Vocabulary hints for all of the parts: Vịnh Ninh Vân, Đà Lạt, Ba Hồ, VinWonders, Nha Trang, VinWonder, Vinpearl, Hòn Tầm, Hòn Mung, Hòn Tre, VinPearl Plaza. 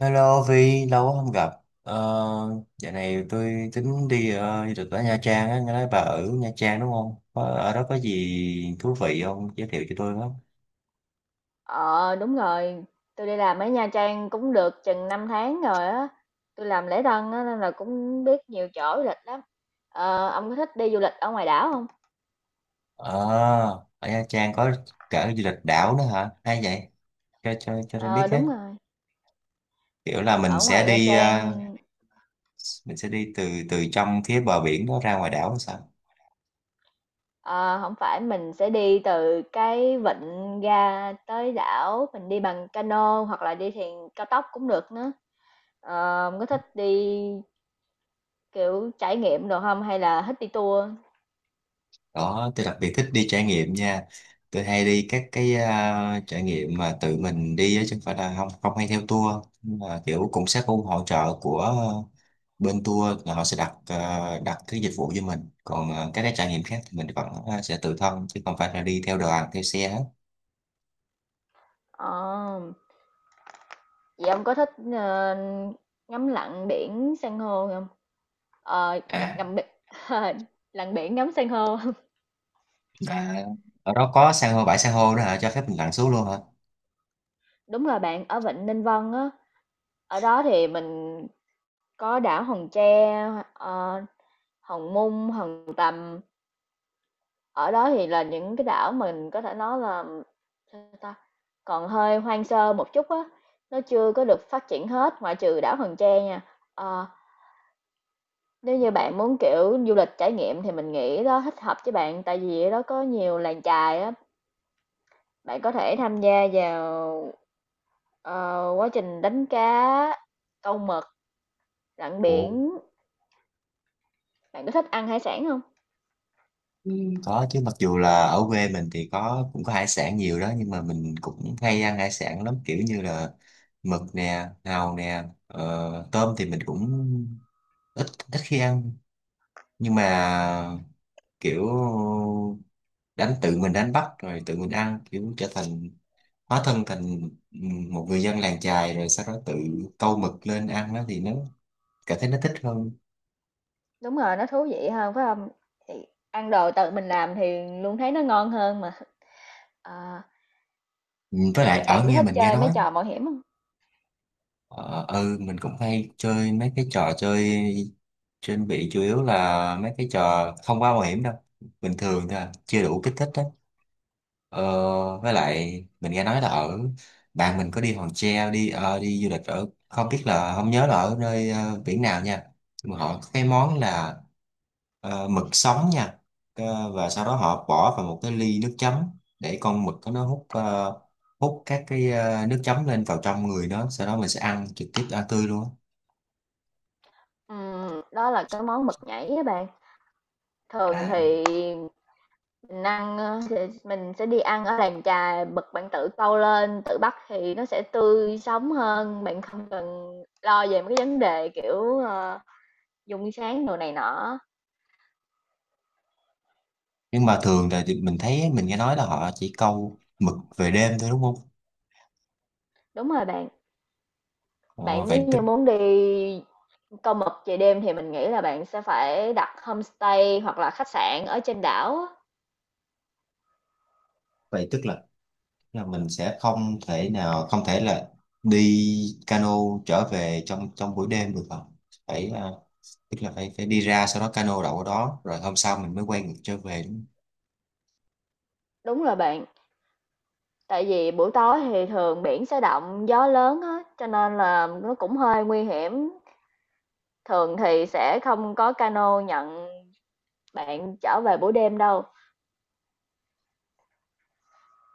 Hello Vi, lâu quá không gặp. Ờ, dạo này tôi tính đi du lịch ở Nha Trang á, nghe nói bà ở Nha Trang đúng không? Có, ở đó có gì thú vị không? Giới thiệu cho tôi với. Ờ, đúng rồi, tôi đi làm ở Nha Trang cũng được chừng 5 tháng rồi á. Tôi làm lễ tân á nên là cũng biết nhiều chỗ du lịch lắm. Ông có thích đi du lịch ở ngoài đảo không? Ờ, ở Nha Trang có cả du lịch đảo nữa hả? Hay vậy? Cho tôi Ờ, biết đúng hết. rồi. Kiểu là mình Ở sẽ ngoài Nha đi Trang mình sẽ đi từ từ trong phía bờ biển đó ra ngoài đảo hay sao? ờ, không phải mình sẽ đi từ cái vịnh ra tới đảo, mình đi bằng cano hoặc là đi thuyền cao tốc cũng được nữa. Ông có thích đi kiểu trải nghiệm đồ không hay là thích đi tour? Đó tôi đặc biệt thích đi trải nghiệm nha, tôi hay đi các cái trải nghiệm mà tự mình đi á, chứ không phải là không không hay theo tour. Nhưng mà kiểu cũng sẽ có hỗ trợ của bên tour là họ sẽ đặt đặt cái dịch vụ cho mình, còn các cái trải nghiệm khác thì mình vẫn sẽ tự thân chứ không phải là đi theo đoàn theo xe hết. Ờ. Vậy ông có thích, ngắm lặn biển san hô không? Ờ, à, ngắm biển lặn biển ngắm san hô. à ở đó có san hô, bãi san hô đó hả, cho phép mình lặn xuống luôn hả? Đúng rồi bạn, ở Vịnh Ninh Vân á, ở đó thì mình có đảo Hòn Tre, ờ, Hòn Mung, Hòn Tầm. Ở đó thì là những cái đảo mình có thể nói là sao ta, còn hơi hoang sơ một chút á, nó chưa có được phát triển hết ngoại trừ đảo Hòn Tre nha. Ờ. Nếu như bạn muốn, kiểu, du lịch trải nghiệm thì mình nghĩ đó thích hợp với bạn, tại vì ở đó có nhiều làng chài á, bạn có thể tham gia vào, quá trình đánh cá, câu mực, lặn Ồ, biển. Bạn có thích ăn hải sản không? có chứ, mặc dù là ở quê mình thì có cũng có hải sản nhiều đó, nhưng mà mình cũng hay ăn hải sản lắm, kiểu như là mực nè, hàu nè, tôm thì mình cũng ít ít khi ăn. Nhưng mà kiểu đánh, tự mình đánh bắt rồi tự mình ăn, kiểu trở thành, hóa thân thành một người dân làng chài rồi sau đó tự câu mực lên ăn đó thì nó cảm thấy nó thích hơn. Đúng rồi, nó thú vị hơn, phải không? Thì ăn đồ tự mình làm thì luôn thấy nó ngon hơn mà. Ờ, Ừ, với lại ở bạn có nghe thích mình nghe chơi mấy nói. trò mạo hiểm không? Ờ, ừ, mình cũng hay chơi mấy cái trò chơi trên bị chủ yếu là mấy cái trò không quá mạo hiểm đâu, bình thường thôi à, chưa đủ kích thích đó. ờ, với Ừm, lại mình nghe nói là ở, bạn mình có đi Hòn Tre, đi đi du lịch ở không biết là, không nhớ là ở nơi biển nào nha, nhưng mà họ có cái món là mực sống nha. Ờ, và sau đó họ bỏ vào một cái ly nước chấm để con mực đó nó hút hút các cái nước chấm lên vào trong người nó, sau đó mình sẽ ăn trực tiếp, ăn tươi luôn á. Đó là cái món mực nhảy á bạn. Thường À, thì mình ăn, ơ, sẽ mình sẽ đi ăn ở làng chài, bật bạn tự câu lên, tự bắt thì nó sẽ tươi sống hơn, bạn không cần lo về mấy cái vấn đề, kiểu, dung sáng đồ này nọ. nhưng mà thường là thì mình thấy, mình nghe nói là họ chỉ câu mực về đêm thôi đúng không? Đúng rồi bạn, ờ, bạn nếu vậy tức như muốn đi câu mực về đêm thì mình nghĩ là bạn sẽ phải đặt homestay hoặc là khách sạn ở trên đảo á. vậy tức là là mình sẽ không thể đi cano trở về trong trong buổi đêm được không? Phải tức là phải phải đi ra sau đó cano đậu ở đó rồi hôm sau mình mới quay ngược trở về đúng không? Đúng rồi bạn, tại vì buổi tối thì thường biển sẽ động, gió lớn á, cho nên là nó cũng hơi nguy hiểm. Thường thì sẽ không có cano nhận bạn trở về buổi đêm đâu,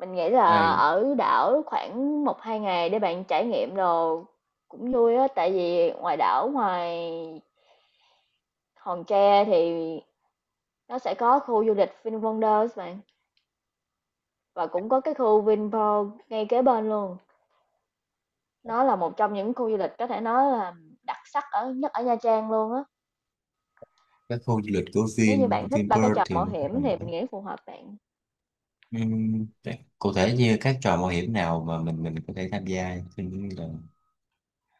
mình nghĩ là Ai, ở đảo khoảng một hai ngày để bạn trải nghiệm đồ cũng vui á, tại vì ngoài đảo ngoài Hòn Tre thì nó sẽ có khu du lịch VinWonders bạn và cũng có cái khu Vinpearl ngay kế bên luôn. Nó là một trong những khu du lịch có thể nói là đặc sắc ở nhất ở Nha Trang luôn á. các khu du lịch của Nếu như bạn thích ba cái Vinpearl trò thì mạo nó, hiểm thì mình nghĩ phù hợp bạn. Thế cụ thể như các trò mạo hiểm nào mà mình có thể tham gia? Tôi nghĩ là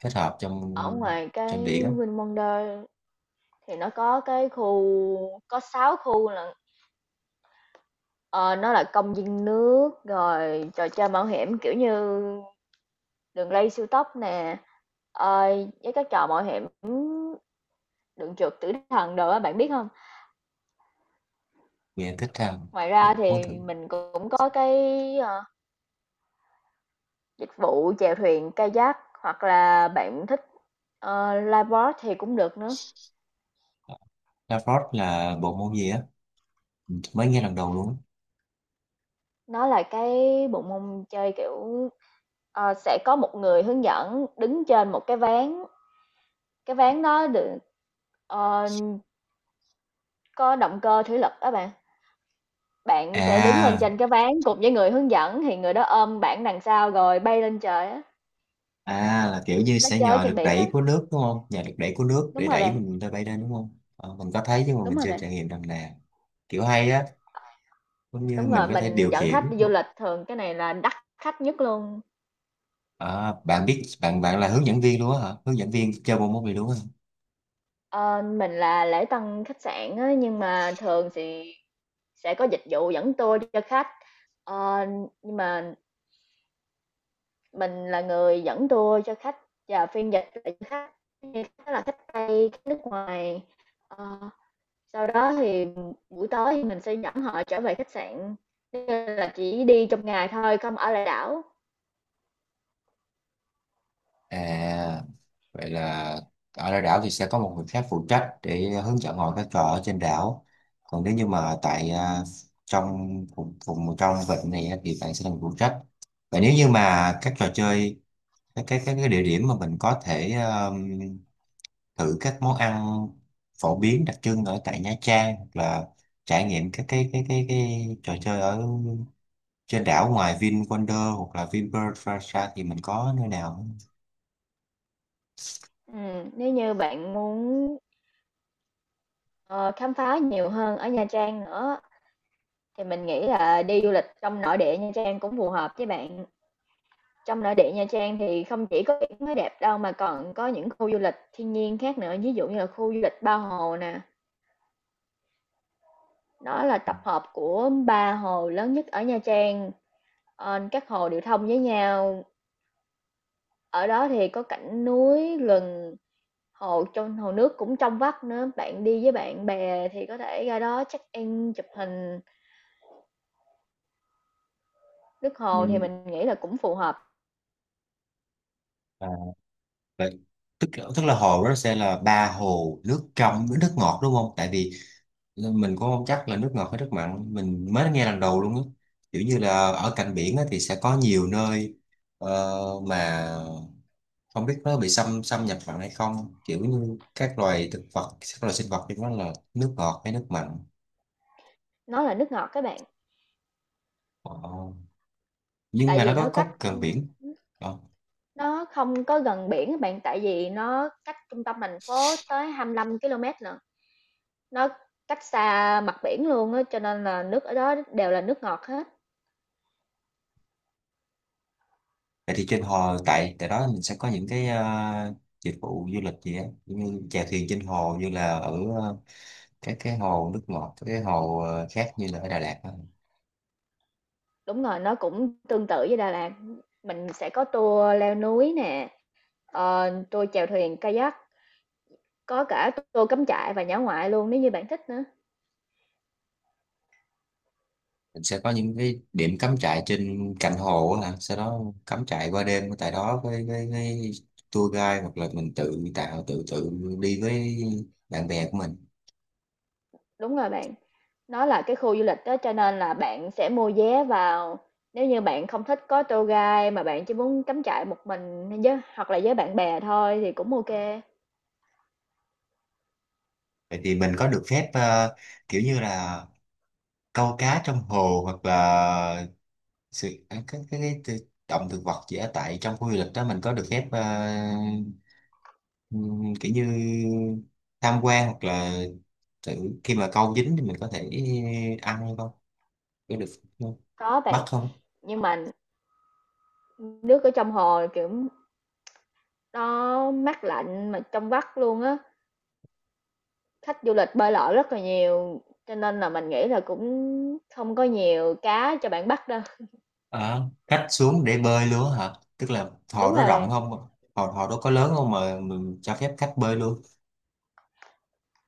kết hợp trong Ở ngoài cái trong biển á. VinWonders thì nó có cái khu có 6 khu là Ờ, nó là công viên nước, rồi trò chơi mạo hiểm, kiểu như đường ray siêu tốc nè, ờ, với các trò mạo hiểm đường trượt tử thần đồ á, bạn biết không? Mình thích tham, Ngoài ra mình muốn thì thử. mình cũng có cái, ờ, dịch vụ chèo thuyền kayak hoặc là bạn thích, lifeboat thì cũng được nữa. La là bộ môn gì á, mới nghe lần đầu luôn á. Nó là cái bộ môn chơi, kiểu, sẽ có một người hướng dẫn đứng trên một cái ván đó được, ờ, có động cơ thủy lực đó bạn. Bạn sẽ đứng lên à trên cái ván cùng với người hướng dẫn, thì người đó ôm bạn đằng sau rồi bay lên trời á, à, là kiểu như nó sẽ chơi nhờ trên lực biển á. đẩy của nước đúng không, nhờ lực đẩy của nước Đúng để rồi đẩy bạn, mình ra bay lên đúng không? Ờ, mình có thấy nhưng mà đúng mình rồi chưa bạn, trải nghiệm lần nào. Kiểu hay á, cũng như đúng mình rồi, có thể mình điều dẫn khách khiển đi du một- lịch thường cái này là đắt khách nhất luôn. Ờ, bạn biết, bạn bạn là hướng dẫn viên luôn á hả, hướng dẫn viên chơi bộ môn này luôn á hả? Ờ, mình là lễ tân khách sạn á, nhưng mà thường thì sẽ có dịch vụ dẫn tour cho khách. Ờ, nhưng mà mình là người dẫn tour cho khách và phiên dịch lại cho khách, thì khách đó là khách Tây, khách nước ngoài. Ờ. Sau đó thì buổi tối thì mình sẽ dẫn họ trở về khách sạn, nên là chỉ đi trong ngày thôi, không ở lại đảo. À vậy là ở lại đảo thì sẽ có một người khác phụ trách để hướng dẫn họ các trò ở trên đảo, còn nếu như mà tại trong vùng vùng trong vịnh này á, thì bạn sẽ là người phụ trách. Và nếu như mà các trò chơi, các cái địa điểm mà mình có thể thử các món ăn phổ biến đặc trưng ở tại Nha Trang, hoặc là trải nghiệm các cái trò chơi ở trên đảo ngoài VinWonder hoặc là VinPearl Plaza thì mình có nơi nào không? Nếu như bạn muốn, ờ, khám phá nhiều hơn ở Nha Trang nữa thì mình nghĩ là đi du lịch trong nội địa Nha Trang cũng phù hợp với bạn. Trong nội địa Nha Trang thì không chỉ có biển mới đẹp đâu mà còn có những khu du lịch thiên nhiên khác nữa, ví dụ như là khu du lịch Ba Hồ nè, đó là tập hợp của ba hồ lớn nhất ở Nha Trang. Ờ, các hồ đều thông với nhau. Ở đó thì có cảnh núi, gần hồ trong hồ nước cũng trong vắt nữa, bạn đi với bạn bè thì có thể ra đó check-in, chụp hình. Nước Ừ. hồ thì mình nghĩ là cũng phù hợp, À, vậy, tức tức là hồ đó sẽ là ba hồ nước trong với nước ngọt đúng không? Tại vì mình cũng không chắc là nước ngọt hay nước mặn, mình mới nghe lần đầu luôn á. Kiểu như là ở cạnh biển á, thì sẽ có nhiều nơi ờ, mà không biết nó bị xâm xâm nhập mặn hay không. Kiểu như các loài thực vật, các loài sinh vật thì nó là nước ngọt hay nước mặn. nó là nước ngọt các bạn, Ờ, nhưng tại mà nó vì nó có cách, gần biển. Ờ. nó không có gần biển các bạn, tại vì nó cách trung tâm thành phố tới 25 ki-lô-mét nữa, nó cách xa mặt biển luôn á, cho nên là nước ở đó đều là nước ngọt hết. Vậy thì trên hồ tại tại đó mình sẽ có những cái dịch vụ du lịch gì á, giống như chèo thuyền trên hồ như là ở các cái hồ nước ngọt, các cái hồ khác như là ở Đà Lạt á. Đúng rồi, nó cũng tương tự với Đà Lạt, mình sẽ có tour leo núi nè, tour chèo thuyền kayak. Có cả tour cắm trại và dã ngoại luôn nếu như bạn thích nữa. Mình sẽ có những cái điểm cắm trại trên cạnh hồ á, hả? Sau đó cắm trại qua đêm tại đó với tour guide hoặc là mình tự tạo tự tự đi với bạn bè của mình. Đúng rồi bạn, nó là cái khu du lịch đó cho nên là bạn sẽ mua vé vào. Nếu như bạn không thích có tour guide mà bạn chỉ muốn cắm trại một mình hay với hoặc là với bạn bè thôi thì cũng ok. Vậy thì mình có được phép kiểu như là câu cá trong hồ hoặc là sự động thực vật chỉ ở tại trong khu du lịch đó, mình có được phép kiểu như tham quan hoặc là tự, khi mà câu dính thì mình có thể ăn hay không, có được không, Có bắt bạn, không? nhưng mà nước ở trong hồ kiểu nó mát lạnh mà trong vắt luôn á. Khách du lịch bơi lội rất là nhiều cho nên là mình nghĩ là cũng không có nhiều cá cho bạn bắt đâu. À, cách xuống để bơi luôn hả, tức là hồ Đúng đó rồi rộng bạn. không, hồ hồ đó có lớn không mà mình cho phép khách bơi luôn?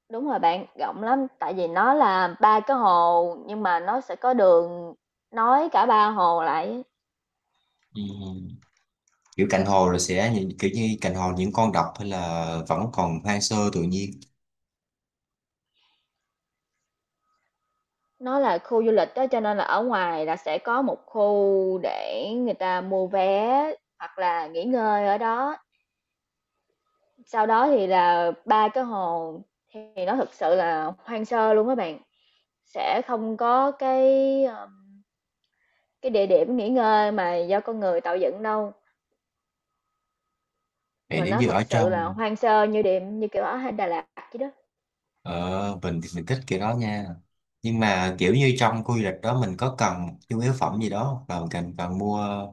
Đúng rồi bạn, rộng lắm, tại vì nó là 3 cái hồ nhưng mà nó sẽ có đường nối cả ba hồ lại. Ừm. Kiểu cạnh hồ rồi sẽ nhìn- kiểu như cạnh hồ những con đập hay là vẫn còn hoang sơ tự nhiên? Nó là khu du lịch đó cho nên là ở ngoài là sẽ có một khu để người ta mua vé hoặc là nghỉ ngơi ở đó. Sau đó thì là ba cái hồ thì nó thực sự là hoang sơ luôn các bạn. Sẽ không có cái ờ, cái địa điểm nghỉ ngơi mà do con người tạo dựng đâu, Vậy mà nếu nó như ở thực sự là trong, hoang sơ như điểm như kiểu ở Đà Lạt vậy đó. ờ, mình thì mình thích kiểu đó nha. Nhưng mà kiểu như trong khu du lịch đó mình có cần một nhu yếu phẩm gì đó không? Và mình cần cần mua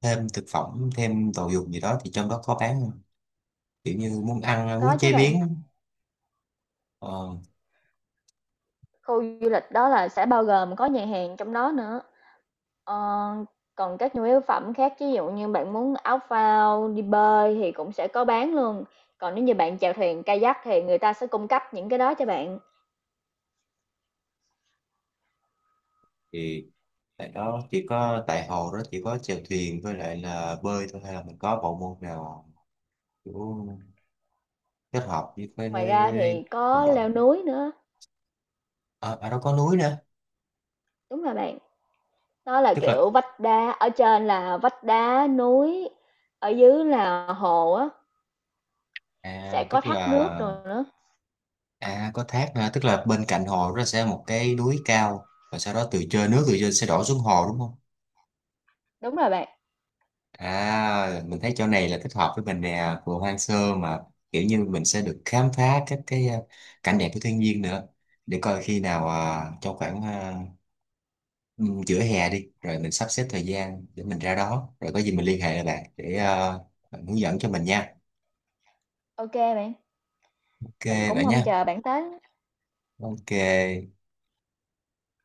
thêm thực phẩm, thêm đồ dùng gì đó thì trong đó có bán không? Kiểu như muốn ăn, Có muốn chứ chế bạn. biến. Ờ, Khu du lịch đó là sẽ bao gồm có nhà hàng trong đó nữa. Ờ, còn các nhu yếu phẩm khác, ví dụ như bạn muốn áo phao, đi bơi thì cũng sẽ có bán luôn. Còn nếu như bạn chèo thuyền kayak thì người ta sẽ cung cấp những cái đó cho bạn. thì tại đó, chỉ có tại hồ đó chỉ có chèo thuyền với lại là bơi thôi hay là mình có bộ môn nào kiểu kết hợp với với, Ngoài với, ra với thì đồng có đội? leo núi nữa, Ờ, ở đó có núi nữa. đúng rồi bạn. Đó là Tức là kiểu vách đá, ở trên là vách đá núi, ở dưới là hồ á, sẽ có tức thác nước là, rồi nữa. À có thác hả? Tức là bên cạnh hồ nó sẽ một cái núi cao và sau đó từ trên, nước từ trên sẽ đổ xuống hồ đúng không? Đúng rồi bạn. À mình thấy chỗ này là thích hợp với mình nè, vừa hoang sơ mà kiểu như mình sẽ được khám phá các cái cảnh đẹp của thiên nhiên nữa. Để coi khi nào trong khoảng giữa hè đi rồi mình sắp xếp thời gian để mình ra đó, rồi có gì mình liên hệ lại bạn để bạn hướng dẫn cho mình nha. Ok bạn, Ok mình cũng vậy mong nha. chờ bạn tới. Ok.